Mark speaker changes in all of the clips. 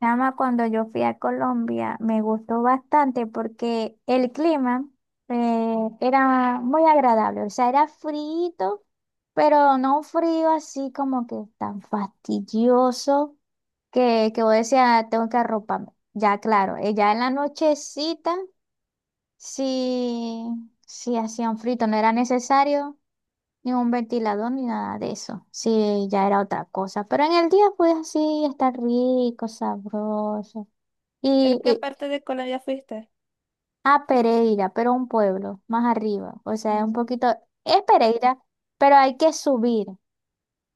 Speaker 1: Chama, cuando yo fui a Colombia me gustó bastante porque el clima era muy agradable, o sea, era frío, pero no un frío así como que tan fastidioso que vos decías, "Ah, tengo que arroparme". Ya, claro, ya en la nochecita, sí sí hacía un frito, no era necesario ni un ventilador ni nada de eso, sí ya era otra cosa, pero en el día pues así, estar rico, sabroso. Y,
Speaker 2: Pero qué
Speaker 1: y-
Speaker 2: parte de cola ya fuiste.
Speaker 1: a Pereira, pero un pueblo más arriba. O sea, es un
Speaker 2: Mm,
Speaker 1: poquito, es Pereira, pero hay que subir,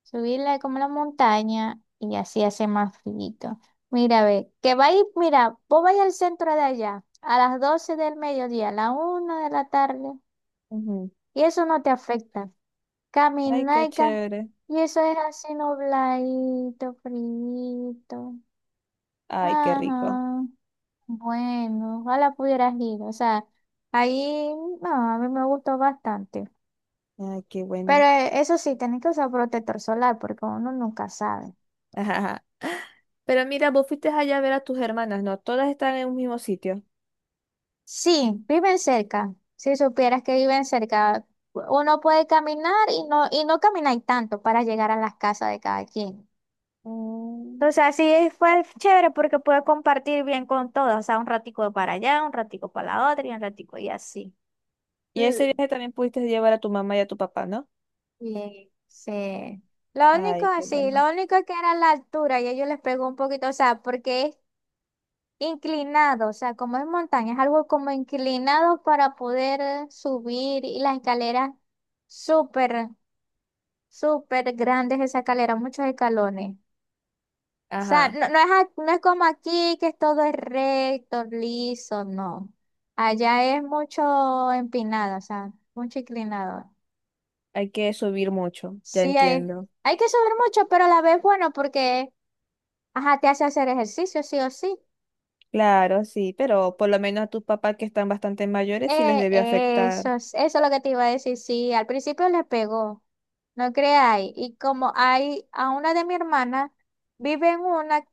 Speaker 1: subirla como la montaña y así hace más frío. Mira, ve, mira, vos vais al centro de allá a las 12 del mediodía, a la una de la tarde,
Speaker 2: ujú.
Speaker 1: y eso no te afecta.
Speaker 2: Ay,
Speaker 1: Camina
Speaker 2: qué
Speaker 1: y, ca-
Speaker 2: chévere.
Speaker 1: y eso es así nubladito, frío.
Speaker 2: Ay, qué rico.
Speaker 1: Ajá. Bueno, ojalá pudieras ir. O sea, ahí no, a mí me gustó bastante.
Speaker 2: Ay, qué
Speaker 1: Pero
Speaker 2: bueno.
Speaker 1: eso sí, tenés que usar protector solar porque uno nunca sabe.
Speaker 2: Ajá, ajá. Pero mira, vos fuiste allá a ver a tus hermanas, ¿no? Todas están en un mismo sitio.
Speaker 1: Sí, viven cerca. Si supieras que viven cerca, uno puede caminar y no camináis tanto para llegar a las casas de cada quien. O
Speaker 2: Mm.
Speaker 1: sea, sí fue chévere porque pude compartir bien con todos. O sea, un ratico para allá, un ratico para la otra y un ratico y así.
Speaker 2: Y ese viaje también pudiste llevar a tu mamá y a tu papá, ¿no?
Speaker 1: Sí, sí. Lo único,
Speaker 2: Ay, qué
Speaker 1: sí,
Speaker 2: bueno.
Speaker 1: lo único que era la altura y ellos les pegó un poquito, o sea, porque es inclinado, o sea, como es montaña, es algo como inclinado para poder subir, y las escaleras súper, súper grandes, esa escalera, muchos escalones. O sea,
Speaker 2: Ajá.
Speaker 1: no es como aquí que todo es recto, liso, no. Allá es mucho empinado, o sea, mucho inclinado.
Speaker 2: Hay que subir mucho. Ya
Speaker 1: Sí, hay...
Speaker 2: entiendo.
Speaker 1: Hay que subir mucho, pero a la vez bueno, porque ajá, te hace hacer ejercicio, sí o sí.
Speaker 2: Claro, sí, pero por lo menos a tus papás que están bastante mayores sí les debió afectar.
Speaker 1: Eso es lo que te iba a decir, sí. Al principio le pegó, no creáis. Y como hay a una de mi hermana, vive en una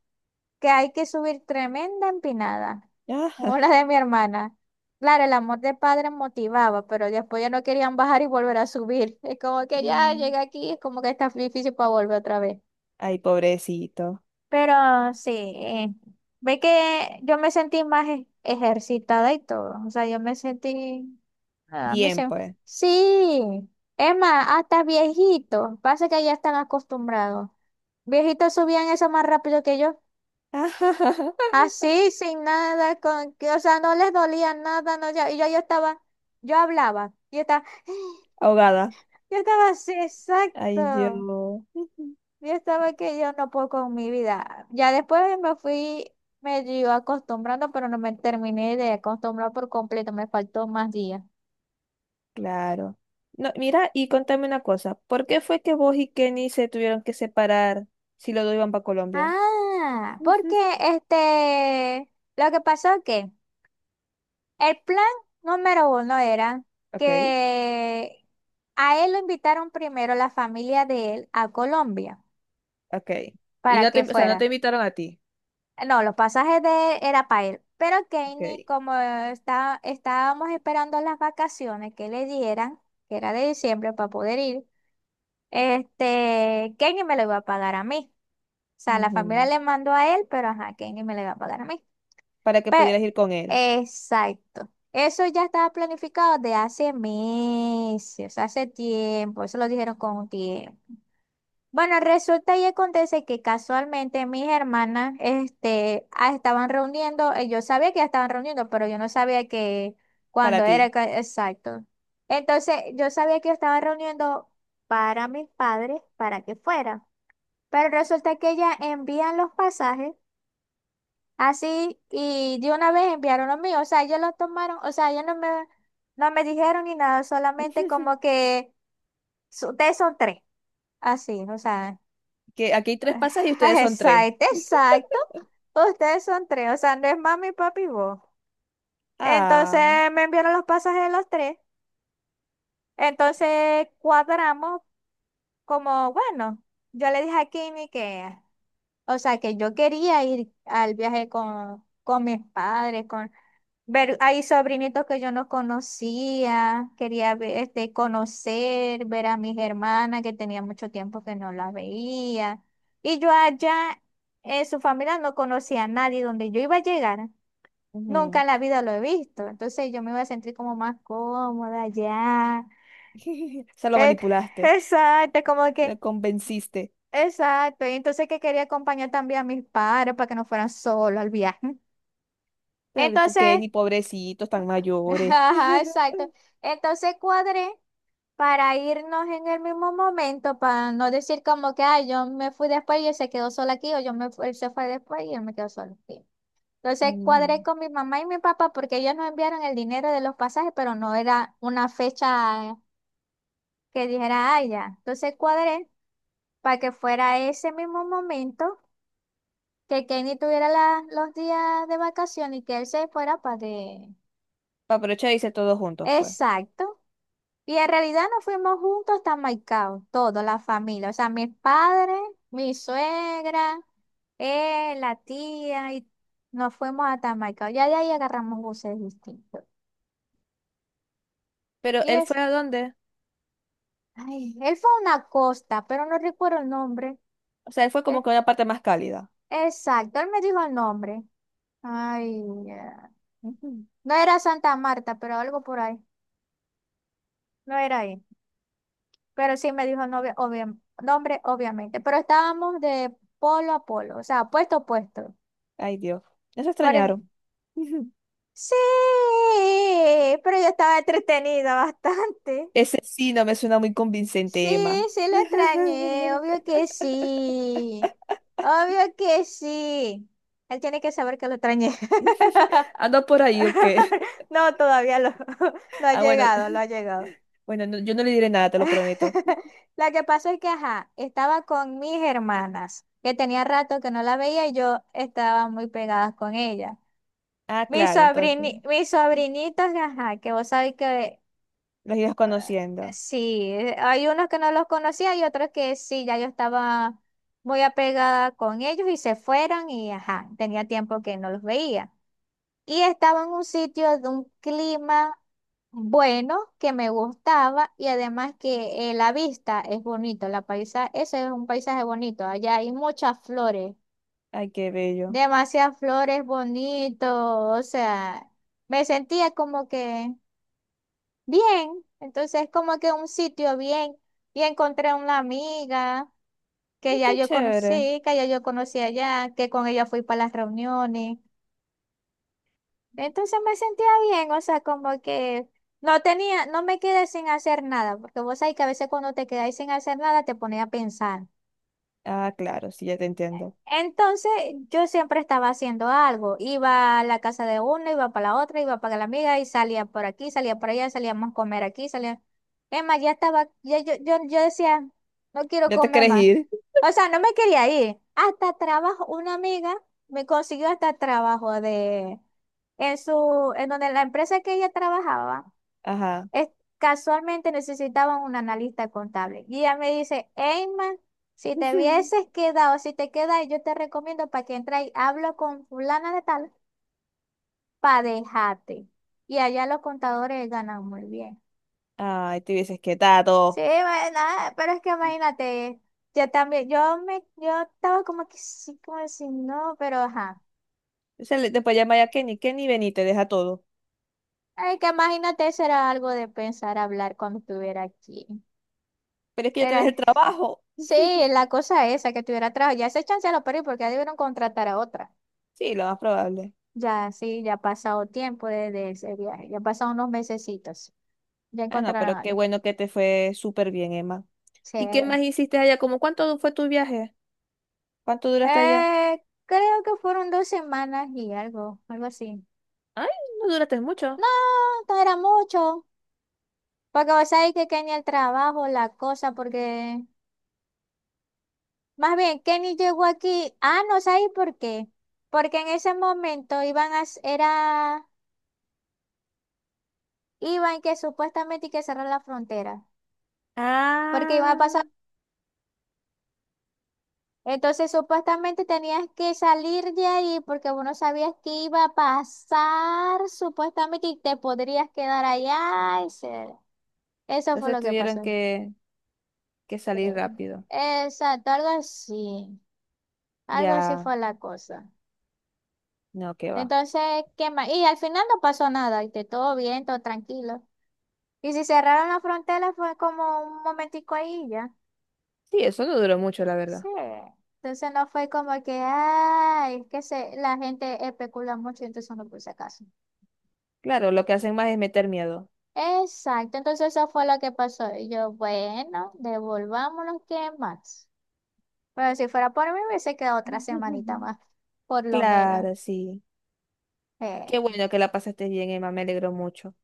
Speaker 1: que hay que subir tremenda empinada. Como
Speaker 2: Ah,
Speaker 1: la de mi hermana. Claro, el amor de padre motivaba, pero después ya no querían bajar y volver a subir. Es como que ya
Speaker 2: mm.
Speaker 1: llega aquí, es como que está difícil para volver otra vez.
Speaker 2: Ay, pobrecito.
Speaker 1: Pero sí, ve que yo me sentí más ejercitada y todo. O sea, yo me sentí. A mí
Speaker 2: Bien,
Speaker 1: se.
Speaker 2: pues.
Speaker 1: Sí, es más, hasta viejitos. Pasa que ya están acostumbrados. Viejitos subían eso más rápido que yo. Así, sin nada, con que, o sea, no les dolía nada, no, ya, yo estaba, yo hablaba, yo estaba,
Speaker 2: Ahogada.
Speaker 1: yo estaba así,
Speaker 2: Ay,
Speaker 1: exacto.
Speaker 2: Dios. Ujú.
Speaker 1: Yo estaba que yo no puedo con mi vida. Ya después me fui medio acostumbrando, pero no me terminé de acostumbrar por completo. Me faltó más días.
Speaker 2: Claro. No, mira, y contame una cosa. ¿Por qué fue que vos y Kenny se tuvieron que separar si los dos iban para Colombia?
Speaker 1: Ah, porque
Speaker 2: Ujú.
Speaker 1: este, lo que pasó es que el plan número uno era
Speaker 2: Ok,
Speaker 1: que a él lo invitaron primero la familia de él a Colombia
Speaker 2: ok. Y
Speaker 1: para
Speaker 2: no te,
Speaker 1: que
Speaker 2: no te
Speaker 1: fuera.
Speaker 2: invitaron a ti.
Speaker 1: No, los pasajes de era para él. Pero Kenny,
Speaker 2: Ok.
Speaker 1: estábamos esperando las vacaciones que le dieran, que era de diciembre para poder ir, este, Kenny me lo iba a pagar a mí. O sea, la familia
Speaker 2: Ujú.
Speaker 1: le mandó a él, pero ajá, Kenny me lo iba a pagar a mí.
Speaker 2: Para que
Speaker 1: Pero,
Speaker 2: pudieras ir con él.
Speaker 1: exacto. Eso ya estaba planificado de hace meses, hace tiempo. Eso lo dijeron con tiempo. Bueno, resulta y acontece que casualmente mis hermanas este, ah, estaban reuniendo, yo sabía que ya estaban reuniendo, pero yo no sabía que
Speaker 2: Para
Speaker 1: cuándo era
Speaker 2: ti.
Speaker 1: ca- exacto. Entonces, yo sabía que estaban reuniendo para mis padres, para que fuera. Pero resulta que ellas envían los pasajes así y de una vez enviaron los míos. O sea, ellos los tomaron, o sea, ellos no me, no me dijeron ni nada, solamente
Speaker 2: Ujú.
Speaker 1: como que "Su- ustedes son tres", así, o sea.
Speaker 2: Que aquí hay tres pasas y ustedes
Speaker 1: Ah,
Speaker 2: son tres.
Speaker 1: exacto, exacto. Ustedes son tres, o sea, no es mami, papi y vos. Entonces
Speaker 2: Ah.
Speaker 1: me enviaron los pasajes de los tres. Entonces cuadramos como, bueno, yo le dije a Kimi que, o sea, que yo quería ir al viaje con mis padres, con, ver, hay sobrinitos que yo no conocía, quería ver, este, conocer, ver a mis hermanas que tenía mucho tiempo que no las veía. Y yo allá, en su familia no conocía a nadie donde yo iba a llegar. Nunca
Speaker 2: Ujú.
Speaker 1: en la vida lo he visto. Entonces yo me iba a sentir como más cómoda allá.
Speaker 2: O sea, lo
Speaker 1: Et-
Speaker 2: manipulaste.
Speaker 1: Exacto, como que,
Speaker 2: Lo convenciste.
Speaker 1: exacto. Y entonces que quería acompañar también a mis padres para que no fueran solos al viaje.
Speaker 2: Pero porque
Speaker 1: Entonces,
Speaker 2: ni pobrecitos tan mayores.
Speaker 1: ajá, exacto. Entonces cuadré para irnos en el mismo momento, para no decir como que, ay, yo me fui después y él se quedó solo aquí, o yo me, fu- él se fue después y él me quedó solo aquí. Entonces
Speaker 2: Ujú.
Speaker 1: cuadré con mi mamá y mi papá porque ellos nos enviaron el dinero de los pasajes, pero no era una fecha que dijera, ay, ya. Entonces cuadré para que fuera ese mismo momento, que Kenny tuviera los días de vacación y que él se fuera para de...
Speaker 2: Para aprovechar y hice todos juntos, pues.
Speaker 1: Exacto. Y en realidad nos fuimos juntos hasta Maicao, toda la familia, o sea, mis padres, mi suegra, él, la tía, y nos fuimos hasta Maicao. Ya de ahí agarramos buses distintos.
Speaker 2: Pero
Speaker 1: Y
Speaker 2: ¿él
Speaker 1: es,
Speaker 2: fue a dónde?
Speaker 1: ay, él fue a una costa, pero no recuerdo el nombre.
Speaker 2: O sea, él fue
Speaker 1: Eh,
Speaker 2: como que a una parte más cálida.
Speaker 1: Exacto, él me dijo el nombre. Ay, ya.
Speaker 2: Ujú.
Speaker 1: No era Santa Marta, pero algo por ahí. No era ahí. Pero sí me dijo nombre, obviamente. Pero estábamos de polo a polo, o sea, puesto a puesto.
Speaker 2: Ay, Dios. Eso
Speaker 1: Pare-
Speaker 2: extrañaron. Ujú.
Speaker 1: sí, pero yo estaba entretenida bastante.
Speaker 2: Ese sí no me suena muy
Speaker 1: Sí,
Speaker 2: convincente, Emma.
Speaker 1: sí lo extrañé, obvio que sí. Obvio que sí. Él tiene que saber que lo extrañé.
Speaker 2: ¿Anda por ahí o qué?
Speaker 1: No, no ha
Speaker 2: Ah, bueno,
Speaker 1: llegado, lo ha llegado.
Speaker 2: bueno, yo no le diré nada, te lo prometo.
Speaker 1: la que pasó es que, ajá, estaba con mis hermanas, que tenía rato que no la veía y yo estaba muy pegada con ella.
Speaker 2: Ah, claro, entonces.
Speaker 1: Mis sobrinitos, ajá, que vos sabés que
Speaker 2: Los ibas conociendo.
Speaker 1: sí, hay unos que no los conocía y otros que sí, ya yo estaba muy apegada con ellos y se fueron y, ajá, tenía tiempo que no los veía. Y estaba en un sitio de un clima bueno, que me gustaba y además que la vista es bonito, la paisa, ese es un paisaje bonito, allá hay muchas flores,
Speaker 2: Ay, qué bello.
Speaker 1: demasiadas flores bonitos, o sea, me sentía como que bien, entonces como que un sitio bien, y encontré una amiga
Speaker 2: Ay, qué chévere.
Speaker 1: que ya yo conocí allá, que con ella fui para las reuniones. Entonces me sentía bien, o sea, como que no me quedé sin hacer nada, porque vos sabés que a veces cuando te quedáis sin hacer nada te pones a pensar.
Speaker 2: Ah, claro, sí, ya te entiendo.
Speaker 1: Entonces yo siempre estaba haciendo algo, iba a la casa de una, iba para la otra, iba para la amiga y salía por aquí, salía por allá, salíamos a comer aquí, salía... Es más, ya estaba, ya, yo decía, no quiero
Speaker 2: ¿Ya te
Speaker 1: comer
Speaker 2: querés
Speaker 1: más.
Speaker 2: ir?
Speaker 1: O sea, no me quería ir. Hasta trabajo, una amiga me consiguió hasta trabajo de, en donde la empresa que ella trabajaba
Speaker 2: Ajá.
Speaker 1: es- casualmente necesitaban un analista contable. Y ella me dice, Eyman, si te quedas, yo te recomiendo para que entres y hablo con fulana de tal, para dejarte. Y allá los contadores ganan muy bien.
Speaker 2: Ay, te hubieses
Speaker 1: Sí,
Speaker 2: quedado.
Speaker 1: nada, pero es que imagínate, yo también, yo me, yo estaba como que sí, como si no, pero ajá.
Speaker 2: Se le, después llama ya Kenny, Kenny, ven y te deja todo.
Speaker 1: Ay, que imagínate, eso era algo de pensar hablar cuando estuviera aquí.
Speaker 2: Pero es que ya tienes
Speaker 1: Era
Speaker 2: el trabajo.
Speaker 1: Sí, la cosa esa, que tuviera trabajo. Ya ese chance ya lo perdí porque ya debieron contratar a otra.
Speaker 2: Sí, lo más probable.
Speaker 1: Ya, sí, ya ha pasado tiempo desde ese viaje. Ya han pasado unos mesecitos. Ya
Speaker 2: Ah, no,
Speaker 1: encontraron
Speaker 2: pero
Speaker 1: a
Speaker 2: qué
Speaker 1: alguien.
Speaker 2: bueno que te fue súper bien, Emma.
Speaker 1: Sí.
Speaker 2: ¿Y qué más hiciste allá? ¿Cómo cuánto fue tu viaje? ¿Cuánto duraste allá?
Speaker 1: Creo que fueron 2 semanas y algo, algo así.
Speaker 2: Ay, no duraste mucho.
Speaker 1: No, no era mucho. Porque vos sabés que Kenny el trabajo, la cosa, porque... Más bien, Kenny llegó aquí. Ah, no sabéis por qué. Porque en ese momento iban a... era... Iban que supuestamente hay que cerrar la frontera. Porque iba a pasar,
Speaker 2: Ah,
Speaker 1: entonces supuestamente tenías que salir de ahí porque vos no sabías qué iba a pasar, supuestamente, y te podrías quedar allá. Eso fue
Speaker 2: entonces
Speaker 1: lo que
Speaker 2: tuvieron
Speaker 1: pasó.
Speaker 2: que, que salir
Speaker 1: Sí.
Speaker 2: rápido.
Speaker 1: Exacto, algo así. Algo así
Speaker 2: Ya,
Speaker 1: fue la cosa.
Speaker 2: no, qué va.
Speaker 1: Entonces, ¿qué más? Y al final no pasó nada, y todo bien, todo tranquilo. Y si cerraron la frontera fue como un momentico ahí y ya.
Speaker 2: Sí, eso no duró mucho, la
Speaker 1: Sí.
Speaker 2: verdad.
Speaker 1: Entonces no fue como que, ay, es que se, la gente especula mucho, entonces no puse caso.
Speaker 2: Claro, lo que hacen más es meter miedo.
Speaker 1: Exacto, entonces eso fue lo que pasó. Y yo, bueno, devolvámonos, ¿qué más? Pero si fuera por mí, hubiese quedado otra semanita más, por lo menos.
Speaker 2: Claro, sí. Qué
Speaker 1: Eh,
Speaker 2: bueno que la pasaste bien, Emma, me alegro mucho.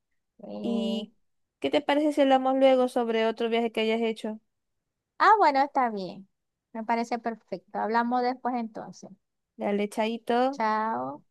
Speaker 1: eh.
Speaker 2: ¿Y qué te parece si hablamos luego sobre otro viaje que hayas hecho?
Speaker 1: Ah, bueno, está bien. Me parece perfecto. Hablamos después entonces.
Speaker 2: Dale, chaito.
Speaker 1: Chao.